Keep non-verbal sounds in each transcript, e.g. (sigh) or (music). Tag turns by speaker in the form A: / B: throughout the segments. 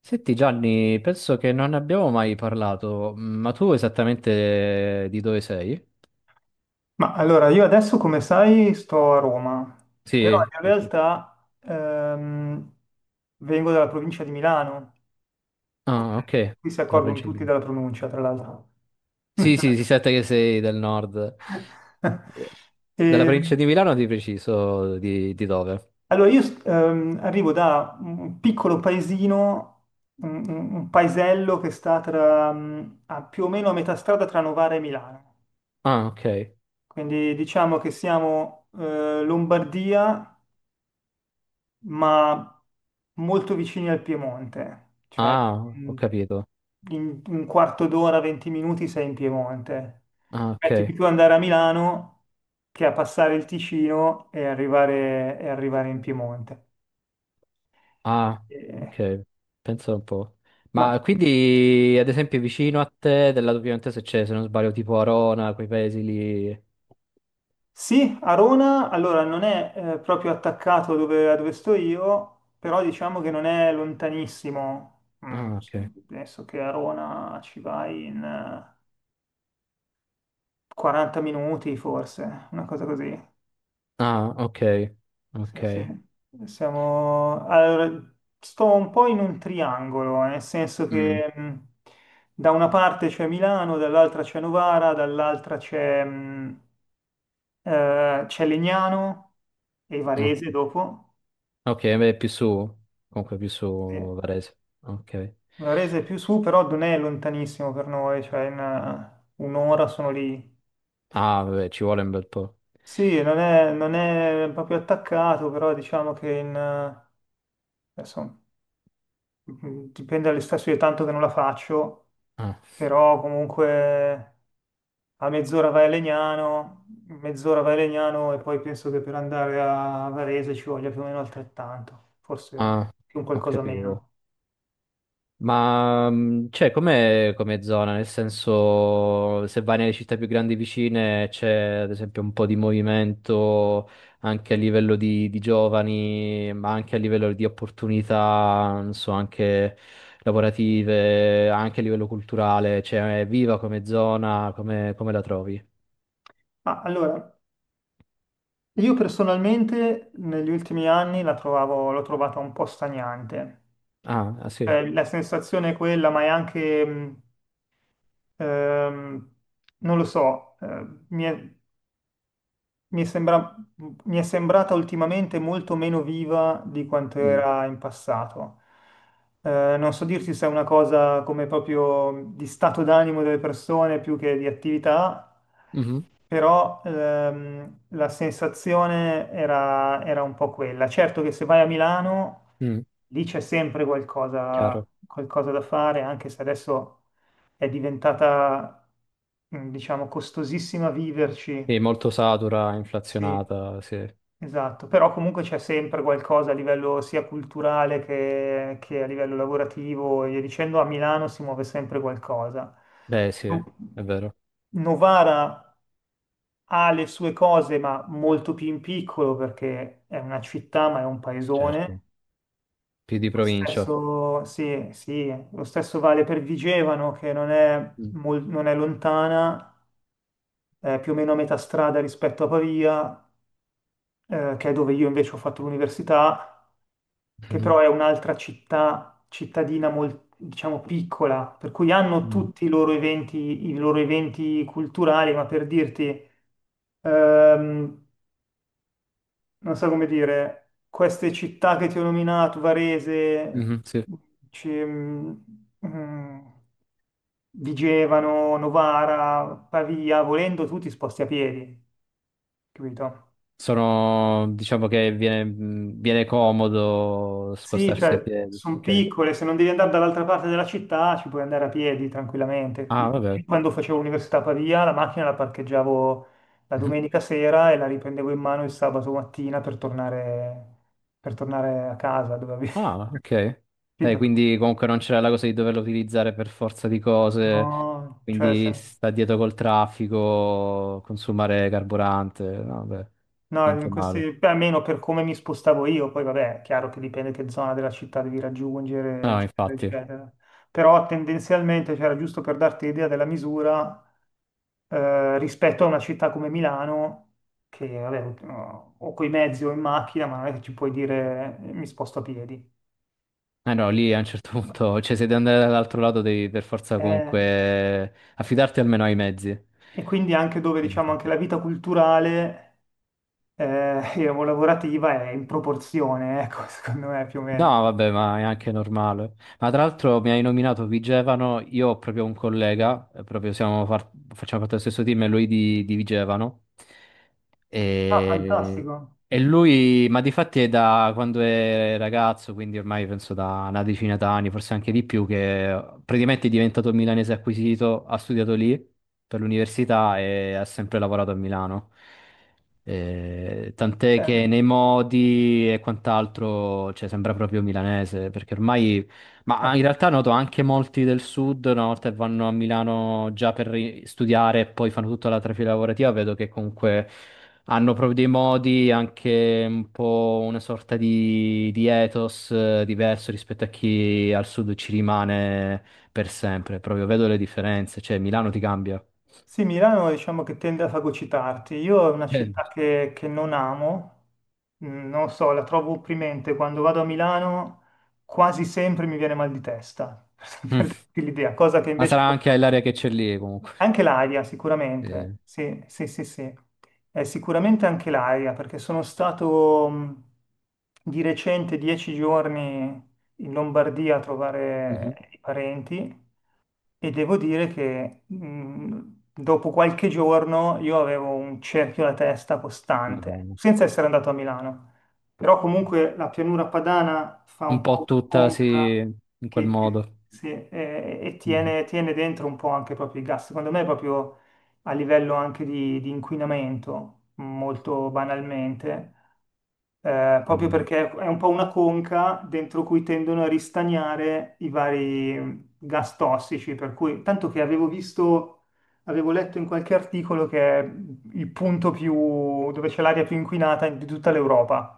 A: Senti Gianni, penso che non ne abbiamo mai parlato, ma tu esattamente di dove sei?
B: Ma allora, io adesso, come sai, sto a Roma, però
A: Sì,
B: in
A: sì, sì.
B: realtà vengo dalla provincia di Milano, come
A: Ah, ok,
B: qui si
A: della
B: accorgono
A: provincia di
B: tutti
A: Milano.
B: della pronuncia, tra l'altro.
A: Sì, sì, si sente che sei del nord.
B: (laughs)
A: Della
B: E,
A: provincia di Milano di preciso, di dove?
B: allora, io arrivo da un piccolo paesino, un paesello che sta tra, a più o meno a metà strada tra Novara e Milano,
A: Ah, ok.
B: quindi diciamo che siamo Lombardia, ma molto vicini al Piemonte, cioè
A: Ah, ho
B: in
A: capito.
B: in un quarto d'ora, 20 minuti sei in Piemonte.
A: Ah,
B: Metti
A: ok.
B: di più andare a Milano che a passare il Ticino e arrivare in Piemonte.
A: Ah,
B: Eh,
A: ok. Penso un po'.
B: ma
A: Ma quindi, ad esempio, vicino a te, del lato piemontese c'è, se non sbaglio, tipo Arona, quei paesi lì.
B: sì, Arona allora non è proprio attaccato a dove sto io, però diciamo che non è lontanissimo. Mm,
A: Ah, ok.
B: adesso che Arona ci vai in... 40 minuti forse, una cosa così.
A: Ah, ok, ok.
B: Sì, sì. Siamo... Allora, sto un po' in un triangolo, nel senso
A: Mm,
B: che da una parte c'è Milano, dall'altra c'è Novara, dall'altra c'è c'è Legnano e
A: no.
B: Varese dopo.
A: Ok, beh, più su, comunque più su
B: Sì.
A: Varese. Ok.
B: Varese è più su, però non è lontanissimo per noi, cioè in un'ora sono lì.
A: Ah, vabbè, ci vuole un bel po'.
B: Sì, non è proprio attaccato, però diciamo che in, adesso Mm, dipende dalle stazioni, tanto che non la faccio,
A: Ah,
B: però comunque a mezz'ora vai a Legnano, mezz'ora vai a Legnano e poi penso che per andare a Varese ci voglia più o meno altrettanto, forse
A: ah,
B: più un
A: ho
B: qualcosa
A: capito.
B: meno.
A: Ma c'è come come zona, nel senso se vai nelle città più grandi vicine c'è ad esempio un po' di movimento anche a livello di giovani, ma anche a livello di opportunità, non so, anche lavorative, anche a livello culturale, cioè è viva come zona, come, come la trovi?
B: Ma allora, io personalmente negli ultimi anni l'ho trovata un po' stagnante.
A: Ah, ah, sì.
B: La sensazione è quella, ma è anche, ehm, non lo so, Mi sembra, mi è sembrata ultimamente molto meno viva di quanto
A: Mm.
B: era in passato. Non so dirti se è una cosa come proprio di stato d'animo delle persone più che di attività,
A: Mhm.
B: però la sensazione era un po' quella. Certo che se vai a Milano,
A: Mm,
B: lì c'è sempre qualcosa,
A: chiaro.
B: qualcosa da fare, anche se adesso è diventata, diciamo, costosissima
A: Sì,
B: viverci.
A: molto satura,
B: Sì.
A: inflazionata, sì.
B: Esatto, però comunque c'è sempre qualcosa a livello sia culturale che a livello lavorativo, e via dicendo, a Milano si muove sempre qualcosa.
A: Beh, sì,
B: No-
A: è vero,
B: Novara ha le sue cose, ma molto più in piccolo perché è una città, ma è un
A: certo,
B: paesone.
A: più di
B: Lo
A: provincia.
B: stesso, sì, sì, lo stesso vale per Vigevano, che
A: Mm.
B: non è lontana, è più o meno a metà strada rispetto a Pavia, che è dove io invece ho fatto l'università, che però
A: Mhm.
B: è un'altra città, cittadina molto, diciamo, piccola, per cui hanno
A: Mm.
B: tutti i loro eventi culturali, ma per dirti, ehm, non so come dire, queste città che ti ho nominato, Varese,
A: Mhm, sì.
B: ci- mm, mm, Vigevano, Novara, Pavia, volendo tu ti sposti a piedi, capito?
A: Sono, diciamo che viene, viene comodo
B: Sì,
A: spostarsi a
B: cioè
A: piedi.
B: sono
A: Ok.
B: piccole, se non devi andare dall'altra parte della città ci puoi andare a piedi tranquillamente.
A: Ah,
B: Capito?
A: vabbè.
B: Io quando facevo l'università a Pavia, la macchina la parcheggiavo la
A: Mhm.
B: domenica sera e la riprendevo in mano il sabato mattina per tornare a casa dove avevo
A: Ah, ok.
B: (laughs)
A: Dai,
B: capito?
A: quindi comunque non c'era la cosa di doverlo utilizzare per forza di cose,
B: No, cioè,
A: quindi
B: se-
A: sta dietro col traffico, consumare carburante. No, vabbè,
B: no,
A: niente
B: in
A: male.
B: questi, beh, almeno per come mi spostavo io, poi vabbè, è chiaro che dipende che zona della città devi raggiungere,
A: No,
B: eccetera,
A: infatti. Eh
B: eccetera. Però tendenzialmente, cioè, era giusto per darti l'idea della misura, rispetto a una città come Milano, che vabbè, o coi mezzi o in macchina, ma non è che ci puoi dire mi sposto a piedi.
A: no, lì a un certo punto, cioè se devi andare dall'altro lato devi per forza
B: Eh,
A: comunque affidarti almeno ai mezzi.
B: e quindi anche dove
A: Quindi,
B: diciamo anche la vita culturale (laughs) e lavorativa è in proporzione, ecco, (laughs) secondo me più o
A: no,
B: meno.
A: vabbè, ma è anche normale. Ma tra l'altro mi hai nominato Vigevano, io ho proprio un collega, proprio facciamo parte dello stesso team, e lui di Vigevano.
B: Ah,
A: E...
B: fantastico.
A: e lui, ma di fatti è da quando è ragazzo, quindi ormai penso da una decina d'anni, forse anche di più, che praticamente è diventato milanese acquisito, ha studiato lì per l'università e ha sempre lavorato a Milano. Tant'è che nei modi e quant'altro, cioè, sembra proprio milanese, perché ormai, ma in realtà noto anche molti del sud, una volta che vanno a Milano già per studiare e poi fanno tutta la trafila lavorativa, vedo che comunque hanno proprio dei modi, anche un po' una sorta di ethos diverso rispetto a chi al sud ci rimane per sempre. Proprio vedo le differenze, cioè Milano ti cambia.
B: Sì, Milano diciamo che tende a fagocitarti. Io è una
A: Eh. (laughs)
B: città che non amo. Mm, non so, la trovo opprimente. Quando vado a Milano quasi sempre mi viene mal di testa, (laughs) per
A: Mm.
B: per darti l'idea, cosa che
A: Ma
B: invece...
A: sarà anche l'area che c'è lì comunque.
B: Anche l'aria,
A: Eh.
B: sicuramente, sì, sì, sì, sì. Sicuramente anche l'aria, perché sono stato di recente 10 giorni in Lombardia a
A: Mhm.
B: trovare i parenti e devo dire che dopo qualche giorno io avevo un cerchio alla testa costante,
A: Madonna.
B: senza essere andato a Milano. Però comunque la pianura padana fa
A: Un
B: un po'
A: po'
B: una
A: tutta, sì,
B: conca
A: in quel modo.
B: sì, e
A: Mhm.
B: tiene dentro un po' anche proprio i gas. Secondo me proprio a livello anche di inquinamento, molto banalmente, proprio
A: Eh.
B: perché è un po' una conca dentro cui tendono a ristagnare i vari gas tossici, per cui tanto che avevo visto, avevo letto in qualche articolo che è il punto più dove c'è l'aria più inquinata di tutta l'Europa.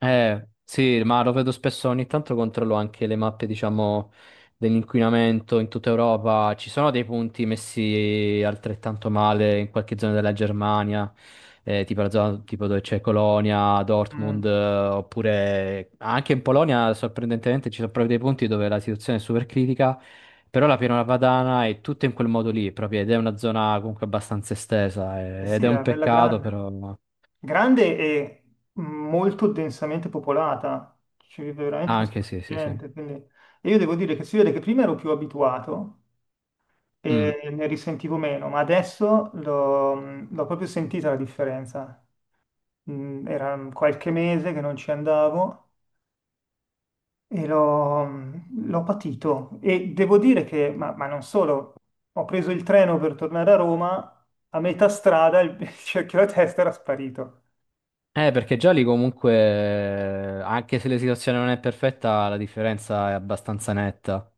A: Sì, ma lo vedo spesso, ogni tanto controllo anche le mappe, diciamo, dell'inquinamento in tutta Europa. Ci sono dei punti messi altrettanto male in qualche zona della Germania, tipo la zona tipo dove c'è Colonia, Dortmund,
B: Mm.
A: oppure anche in Polonia, sorprendentemente, ci sono proprio dei punti dove la situazione è super critica, però la Pianura Padana è tutto in quel modo lì, proprio, ed è una zona comunque abbastanza estesa,
B: Eh
A: ed
B: sì,
A: è un
B: è bella
A: peccato,
B: grande.
A: però...
B: Grande e molto densamente popolata. Ci vive veramente un
A: Anche
B: sacco
A: sì,
B: di
A: sì, sì.
B: gente, quindi... E io devo dire che si vede che prima ero più abituato
A: Mm.
B: e ne risentivo meno, ma adesso l'ho proprio sentita la differenza. Mm, era qualche mese che non ci andavo e l'ho patito. E devo dire che, ma non solo, ho preso il treno per tornare a Roma, a metà strada (laughs) il cerchio alla testa era sparito.
A: Perché già lì comunque, anche se la situazione non è perfetta, la differenza è abbastanza netta,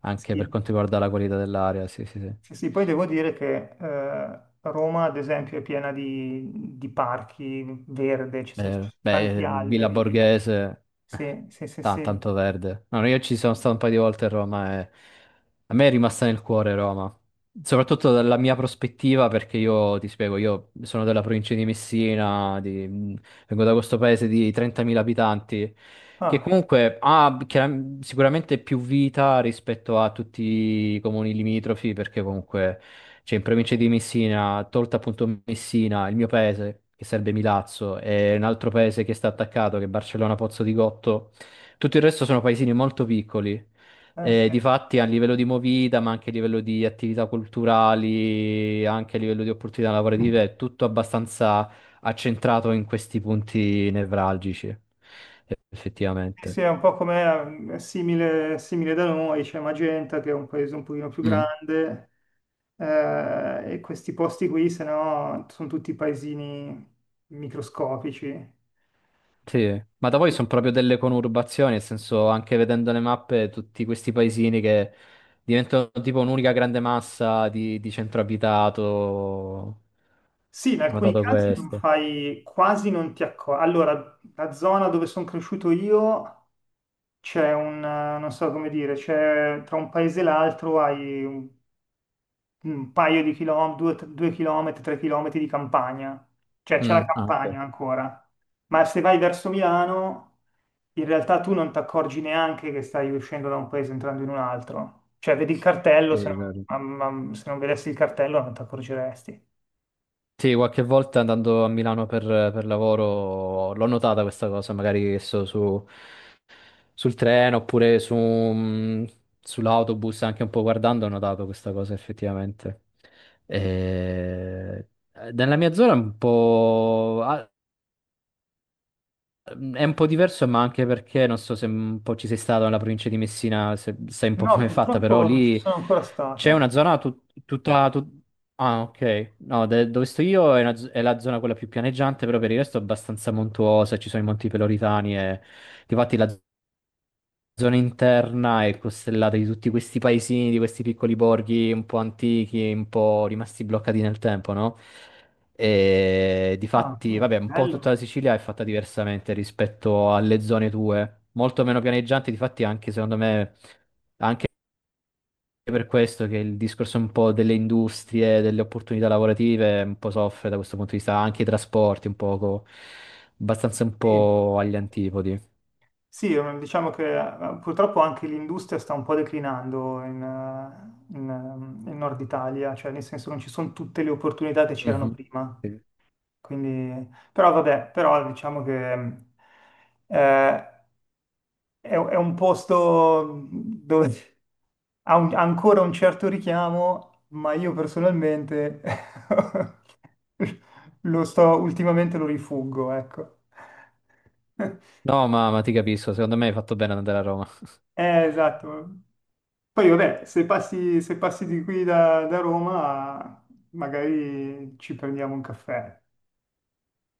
A: anche per
B: Sì,
A: quanto riguarda la qualità dell'aria, sì, sì, sì.
B: sì, sì, poi devo dire che Roma, ad esempio, è piena di parchi verde, ci sono
A: Beh,
B: tanti
A: Villa
B: alberi, quindi...
A: Borghese, eh,
B: Sì, sì, sì, sì.
A: tanto verde. No, no, io ci sono stato un paio di volte a Roma e a me è rimasta nel cuore Roma. Soprattutto dalla mia prospettiva, perché io ti spiego, io sono della provincia di Messina, di- vengo da questo paese di 30.000 abitanti, che
B: Ah,
A: comunque ha sicuramente più vita rispetto a tutti i comuni limitrofi, perché comunque cioè in provincia di Messina, tolta appunto Messina, il mio paese, che serve Milazzo, e un altro paese che sta attaccato, che è Barcellona Pozzo di Gotto, tutto il resto sono paesini molto piccoli. E
B: sì.
A: difatti a livello di movida, ma anche a livello di attività culturali, anche a livello di opportunità lavorative, è tutto abbastanza accentrato in questi punti nevralgici,
B: Sì,
A: effettivamente.
B: sì, è un po' come è simile, simile da noi, c'è Magenta che è un paese un pochino più
A: Mm.
B: grande. E questi posti qui, se no, sono tutti paesini microscopici. E
A: Sì, ma da voi sono
B: quindi...
A: proprio delle conurbazioni, nel senso anche vedendo le mappe, tutti questi paesini che diventano tipo un'unica grande massa di centro abitato. Ho
B: Sì, in alcuni
A: notato
B: casi non
A: questo.
B: fai, quasi non ti accorgi. Allora, la zona dove sono cresciuto io c'è un, non so come dire, c'è tra un paese e l'altro hai un paio di chilometri, 2 chilometri, 3 chilometri di campagna, cioè c'è la
A: Mm. Ah, ok,
B: campagna ancora. Ma se vai verso Milano, in realtà tu non ti accorgi neanche che stai uscendo da un paese e entrando in un altro. Cioè, vedi il
A: sì,
B: cartello,
A: è
B: se
A: vero.
B: non, ma- se non vedessi il cartello non ti accorgeresti.
A: Sì, qualche volta andando a Milano per lavoro l'ho notata questa cosa, magari che so, su, sul treno oppure su, sull'autobus, anche un po' guardando, ho notato questa cosa effettivamente. E- nella mia zona è un po'... ah, è un po' diverso, ma anche perché non so se un po' ci sei stato nella provincia di Messina, se sai un po'
B: No,
A: com'è fatta, però
B: purtroppo non ci
A: lì
B: sono ancora
A: c'è una
B: stato.
A: zona tutta... tut- Ah, ok. No, dove sto io è, è la zona quella più pianeggiante, però per il resto è abbastanza montuosa, ci sono i Monti Peloritani e... Difatti la zona interna è costellata di tutti questi paesini, di questi piccoli borghi un po' antichi, un po' rimasti bloccati nel tempo, no? E
B: Ah,
A: difatti,
B: no,
A: vabbè, un po' tutta la
B: bello.
A: Sicilia è fatta diversamente rispetto alle zone tue, molto meno pianeggianti, difatti anche secondo me è per questo che il discorso un po' delle industrie, delle opportunità lavorative un po' soffre da questo punto di vista, anche i trasporti un poco, abbastanza un
B: Sì.
A: po' agli antipodi.
B: Sì, diciamo che purtroppo anche l'industria sta un po' declinando in Nord Italia, cioè nel senso non ci sono tutte le opportunità che c'erano
A: Mhm.
B: prima.
A: Sì.
B: Quindi, però vabbè, però diciamo che eh, è un posto dove ha ancora un certo richiamo, ma io personalmente (laughs) ultimamente lo rifuggo, ecco. (laughs)
A: No, ma ti capisco, secondo me hai fatto bene ad andare a Roma. (laughs)
B: Esatto. Poi vabbè, se passi di qui da Roma, magari ci prendiamo un caffè.